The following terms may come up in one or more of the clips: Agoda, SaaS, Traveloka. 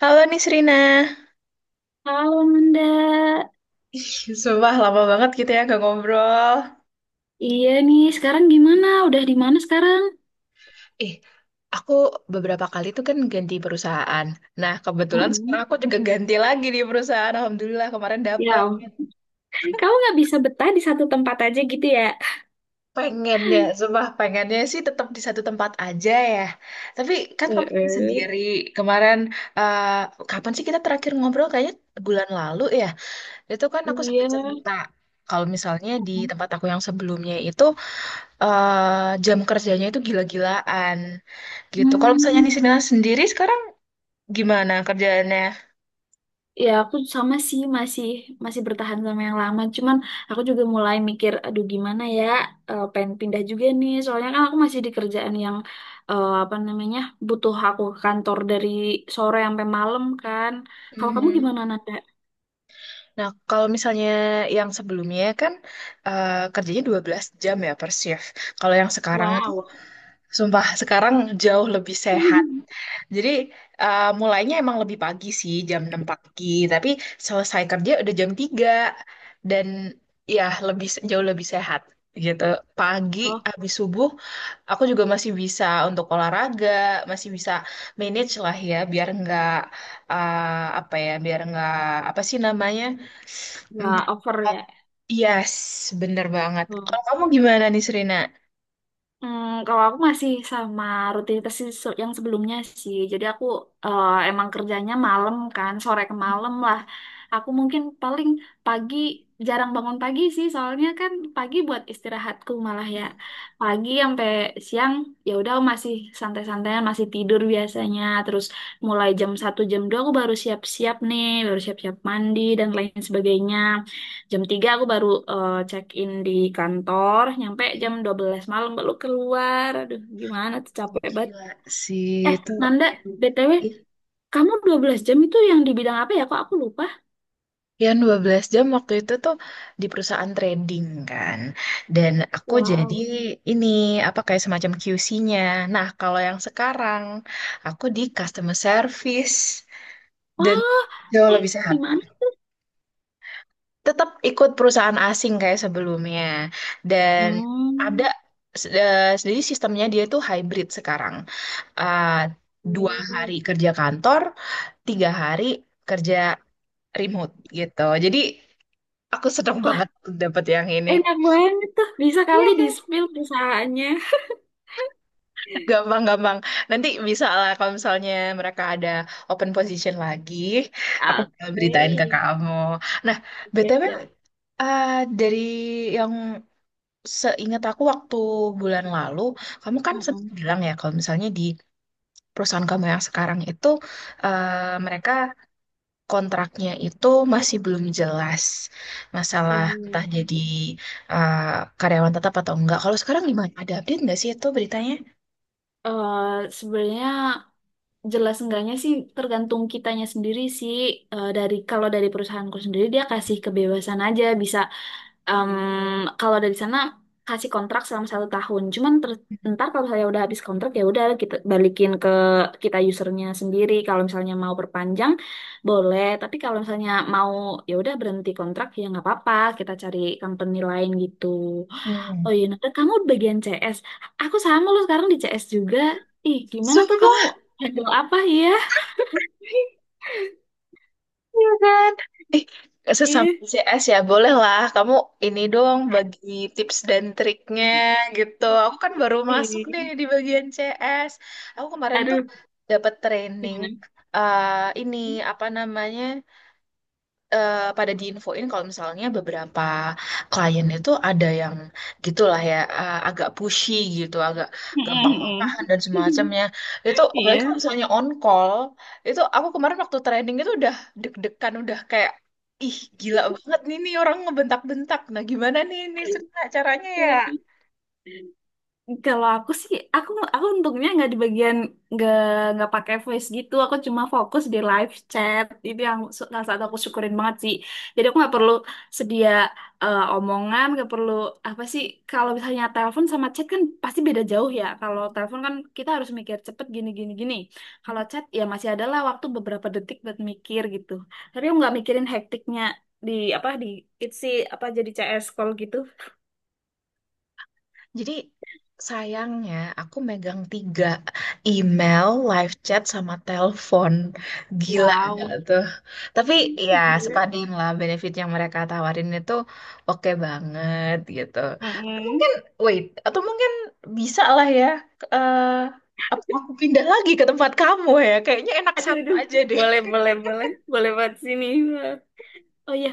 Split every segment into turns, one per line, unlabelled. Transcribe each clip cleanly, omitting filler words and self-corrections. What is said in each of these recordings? Halo Nisrina.
Halo Nanda,
Ih, Sumpah lama banget gitu ya gak ngobrol.
iya nih sekarang gimana? Udah di mana sekarang?
Eh, aku beberapa kali tuh kan ganti perusahaan. Nah, kebetulan sekarang
Mm-mm.
aku juga ganti lagi di perusahaan. Alhamdulillah kemarin dapet.
Ya, kamu nggak bisa betah di satu tempat aja gitu ya?
Pengennya, sumpah pengennya sih tetap di satu tempat aja ya. Tapi kan kamu
Eh,
sendiri kemarin, eh, kapan sih kita terakhir ngobrol? Kayaknya bulan lalu ya. Itu kan aku sempat
Iya.
cerita. Kalau misalnya di
eh.
tempat aku yang sebelumnya itu jam kerjanya itu gila-gilaan gitu. Kalau misalnya
Hmm.
Nisina sendiri sekarang gimana kerjaannya?
Ya aku sama sih masih masih bertahan sama yang lama. Cuman aku juga mulai mikir, aduh gimana ya, pengen pindah juga nih. Soalnya kan aku masih di kerjaan yang apa namanya butuh aku ke kantor dari sore sampai malam kan. Kalau kamu
Mhm.
gimana, Nanda?
Nah, kalau misalnya yang sebelumnya kan kerjanya 12 jam ya per shift. Kalau yang sekarang itu
Wow.
sumpah sekarang jauh lebih sehat. Jadi mulainya emang lebih pagi sih jam 6 pagi, tapi selesai kerja udah jam 3 dan ya lebih jauh lebih sehat gitu. Pagi
Oh.
habis subuh aku juga masih bisa untuk olahraga, masih bisa manage lah ya biar nggak eh, apa ya, biar nggak apa sih namanya? Mm,
Wah, over ya.
Yes, bener banget.
Hmm.
Kalau kamu gimana nih Serena?
Hmm, kalau aku masih sama rutinitas yang sebelumnya sih. Jadi aku emang kerjanya malam kan, sore ke malam lah. Aku mungkin paling pagi jarang bangun pagi sih, soalnya kan pagi buat istirahatku malah ya. Pagi sampai siang ya udah masih santai-santai, masih tidur biasanya. Terus mulai jam 1 jam 2 aku baru siap-siap nih, baru siap-siap mandi dan lain sebagainya. Jam 3 aku baru check in di kantor, nyampe jam
Hmm,
12 malam baru keluar. Aduh, gimana tuh capek banget.
gila sih itu.
Nanda, BTW, kamu 12 jam itu yang di bidang apa ya? Kok aku lupa?
Yang 12 jam waktu itu tuh di perusahaan trading kan. Dan aku jadi
Wow.
ini apa kayak semacam QC-nya. Nah, kalau yang sekarang aku di customer service dan
Oh,
jauh
eh,
lebih
di
sehat.
mana?
Tetap ikut perusahaan asing kayak sebelumnya. Dan ada
Hmm.
s- eh, jadi sistemnya dia tuh hybrid sekarang. Eh, dua
Wow.
hari kerja kantor, 3 hari kerja remote gitu. Jadi aku seneng
Wah,
banget dapat yang ini.
enak banget tuh. Bisa
Iya
kali
kan?
di-spill perusahaannya.
Gampang-gampang. Nanti bisa lah kalau misalnya mereka ada open position lagi, aku bakal
Oke.
beritain ke kamu. Nah,
Siap,
BTW
siap.
eh, dari yang seingat aku waktu bulan lalu, kamu kan sempat
Mm-mm.
bilang ya kalau misalnya di perusahaan kamu yang sekarang itu mereka kontraknya itu masih belum jelas masalah
Iya.
entah jadi eh, karyawan tetap atau enggak. Kalau sekarang gimana? Ada update nggak sih itu beritanya?
Sebenarnya jelas enggaknya sih tergantung kitanya sendiri sih. Eh, dari kalau dari perusahaanku sendiri dia kasih kebebasan aja bisa. Em, kalau dari sana kasih kontrak selama 1 tahun. Cuman ntar kalau misalnya udah habis kontrak ya udah kita balikin ke kita usernya sendiri. Kalau misalnya mau perpanjang boleh, tapi kalau misalnya mau ya udah berhenti kontrak ya nggak apa-apa. Kita cari company lain gitu. Oh
Hmm.
iya, Nat, kamu bagian CS. Aku sama lo sekarang di CS juga. Ih, gimana tuh kamu
Sumpah,
handle apa ya?
ya kan? Eh, sesama
Iya.
CS ya, boleh lah. Kamu ini dong bagi tips dan triknya gitu. Aku kan baru masuk nih
Ih,
di bagian CS. Aku kemarin tuh
aduh,
dapat training
gimana?
eh ini apa namanya? Pada diinfoin kalau misalnya beberapa klien itu ada yang gitulah ya agak pushy gitu, agak gampang, hmm, marahan dan semacamnya. Itu apalagi kalau
Iya.
misalnya on call, itu aku kemarin waktu training itu udah deg-degan, udah kayak ih gila banget nih nih orang ngebentak-bentak. Nah, gimana nih ini caranya ya?
Kalau aku sih, aku untungnya nggak di bagian, nggak nggak pakai voice gitu. Aku cuma fokus di live chat. Itu yang salah satu aku syukurin banget sih. Jadi aku nggak perlu sedia omongan, nggak perlu apa sih. Kalau misalnya telepon sama chat kan pasti beda jauh ya. Kalau telepon kan kita harus mikir cepet gini gini gini. Kalau chat ya masih adalah waktu beberapa detik buat mikir gitu. Tapi aku nggak mikirin hektiknya di apa di itsi apa jadi CS call gitu.
Jadi sayangnya aku megang 3 email, live chat, sama telepon. Gila nggak
Wow.
tuh? Tapi ya
Gila.
sepadin lah benefit yang mereka tawarin itu oke banget gitu. Mungkin
Mm-mm.
wait atau mungkin bisa lah ya. eh, Apa aku pindah lagi ke tempat kamu ya? Kayaknya enak
Aduh,
satu
aduh.
aja deh.
Boleh, boleh, boleh. Boleh buat sini. Oh ya,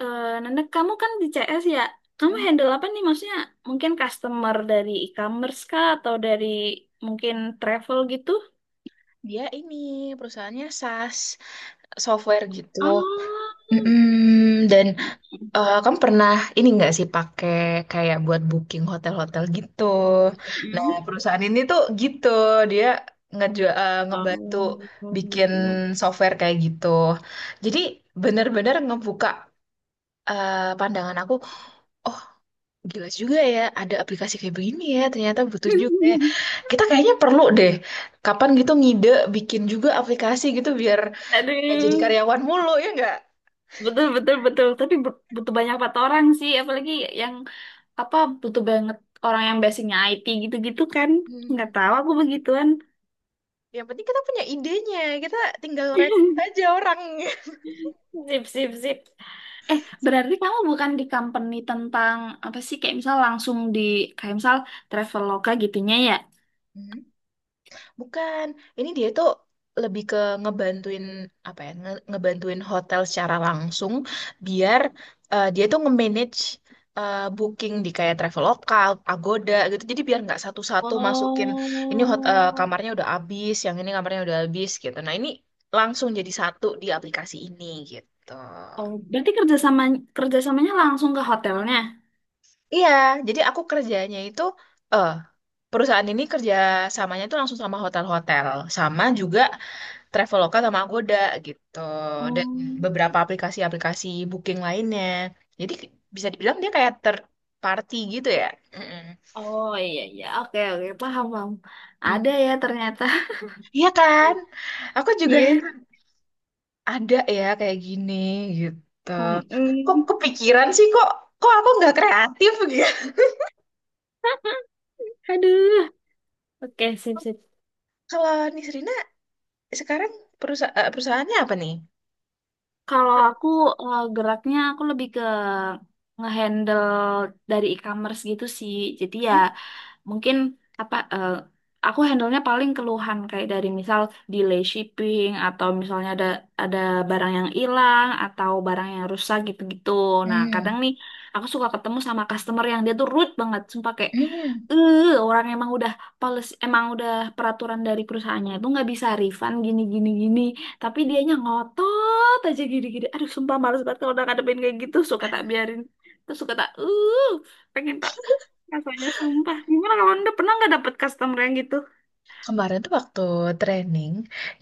Nanda, kamu kan di CS ya. Kamu handle apa nih? Maksudnya mungkin customer dari e-commerce kah atau dari mungkin travel gitu?
Dia ini perusahaannya SaaS software gitu.
Oh.
Mm-mm, dan eh, kamu pernah ini nggak sih pakai kayak buat booking hotel-hotel gitu? Nah,
Mm.
perusahaan ini tuh gitu, dia ngebantu bikin
Oh.
software kayak gitu. Jadi bener-bener ngebuka pandangan aku, oh gila juga ya, ada aplikasi kayak begini ya, ternyata butuh juga ya. Kita kayaknya perlu deh, kapan gitu ngide bikin juga aplikasi gitu biar nggak jadi
Aduh.
karyawan mulu ya nggak?
Betul, betul, betul. Tapi butuh banyak empat orang sih, apalagi yang apa butuh banget orang yang basicnya IT gitu-gitu kan nggak
Hmm.
tahu aku begituan.
Yang penting kita punya idenya, kita tinggal rekrut aja orang.
Sip, sip, sip. Eh, berarti kamu bukan di company tentang apa sih? Kayak misal langsung di kayak misal Traveloka gitunya ya?
Mhm. Bukan, ini dia tuh lebih ke ngebantuin apa ya, ngebantuin hotel secara langsung biar dia tuh nge-manage booking di kayak Traveloka, Agoda gitu. Jadi biar nggak satu-satu masukin
Oh,
kamarnya udah habis, yang ini kamarnya udah habis gitu. Nah, ini langsung jadi satu di aplikasi ini gitu.
oh, berarti kerjasamanya langsung ke hotelnya?
Iya, jadi aku kerjanya itu eh perusahaan ini kerja samanya itu langsung sama hotel-hotel, sama juga Traveloka sama Agoda gitu. Dan
Hmm.
beberapa aplikasi-aplikasi booking lainnya. Jadi bisa dibilang dia kayak third party gitu ya. Mm-mm.
Oh iya iya, oke oke paham paham. Ada
Hmm.
ya ternyata.
Iya kan? Aku juga
Iya.
ada ya kayak gini gitu. Kok
Mm-mm.
kepikiran sih kok kok aku nggak kreatif gitu.
Aduh, oke sip sip.
Kalau Nisrina sekarang perusahaannya apa nih?
Kalau aku geraknya aku lebih ke ngehandle dari e-commerce gitu sih. Jadi ya mungkin apa aku handle-nya paling keluhan kayak dari misal delay shipping atau misalnya ada barang yang hilang atau barang yang rusak gitu-gitu. Nah, kadang
Hmm.
nih aku suka ketemu sama customer yang dia tuh rude banget, sumpah kayak
Hmm.
eh orang emang udah policy, emang udah peraturan dari perusahaannya itu nggak bisa refund gini gini gini, tapi dianya ngotot aja gini gini. Aduh, sumpah males banget kalau udah ngadepin kayak gitu. Suka tak biarin, terus suka tak pengen tak rasanya sumpah. Gimana, kalau anda pernah nggak dapet customer yang gitu?
Kemarin tuh waktu training,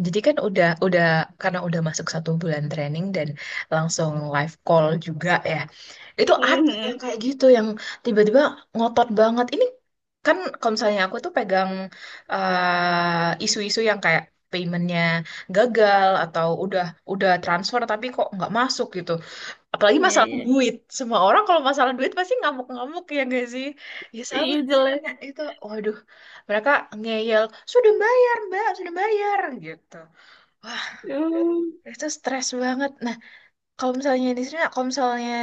jadi kan udah karena udah masuk 1 bulan training dan langsung live call juga ya. Itu ada
Hmm,
yang kayak gitu yang tiba-tiba ngotot banget. Ini kan kalau misalnya aku tuh pegang isu-isu yang kayak paymentnya gagal atau udah transfer tapi kok nggak masuk gitu. Apalagi
iya
masalah
iya
duit. Semua orang kalau masalah duit pasti ngamuk-ngamuk ya gak sih? Ya sama
iya
di sini
jelas.
Nak. Itu. Waduh, mereka ngeyel, "Sudah bayar, Mbak, sudah bayar." gitu. Wah,
Hmm.
itu stres banget. Nah, kalau misalnya di sini, kalau misalnya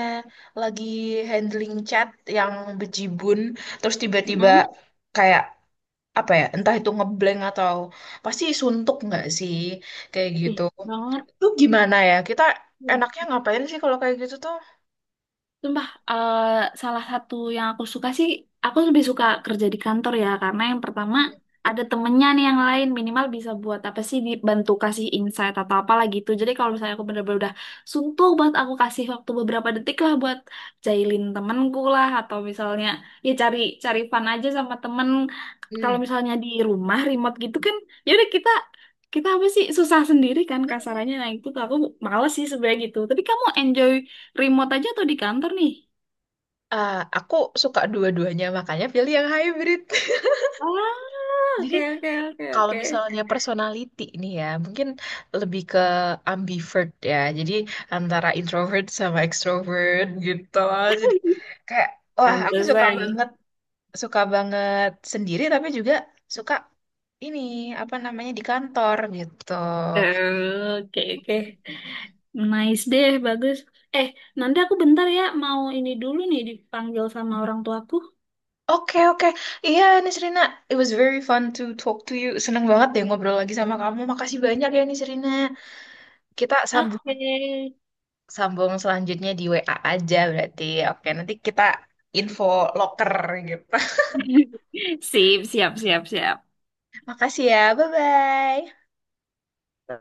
lagi handling chat yang bejibun, terus tiba-tiba
Mm,
kayak apa ya, entah itu ngeblank atau pasti suntuk nggak sih, kayak
ih
gitu.
banget.
Itu gimana ya? Kita enaknya ngapain sih kalau kayak gitu tuh?
Sumpah, salah satu yang aku suka sih, aku lebih suka kerja di kantor ya, karena yang pertama ada temennya nih yang lain, minimal bisa buat apa sih, dibantu kasih insight atau apalah gitu. Jadi kalau misalnya aku bener-bener udah suntuk banget, aku kasih waktu beberapa detik lah buat jailin temenku lah, atau misalnya ya cari cari fun aja sama temen. Kalau
Hmm.
misalnya di rumah remote gitu kan, ya udah kita kita apa sih susah sendiri kan kasarannya. Nah, itu tuh aku males sih sebenarnya gitu. Tapi kamu enjoy remote aja atau di kantor nih?
Ah, aku suka dua-duanya, makanya pilih yang hybrid.
Ah,
Jadi
oke oke oke
kalau
oke.
misalnya personality nih ya, mungkin lebih ke ambivert ya. Jadi antara introvert sama extrovert gitu. Jadi kayak, wah aku
Pantesan.
suka banget sendiri tapi juga suka ini, apa namanya, di kantor gitu.
Oke oke. Nice deh, bagus. Eh, nanti aku bentar ya mau ini dulu nih dipanggil sama orang tuaku.
Oke, oke. Iya, Nisrina, it was very fun to talk to you. Seneng banget deh ngobrol lagi sama kamu. Makasih banyak ya, Nisrina. Kita sambung
Oke.
sambung selanjutnya di WA aja berarti. Oke, nanti kita info loker gitu.
Sip, siap, siap, siap.
Makasih ya. Bye-bye.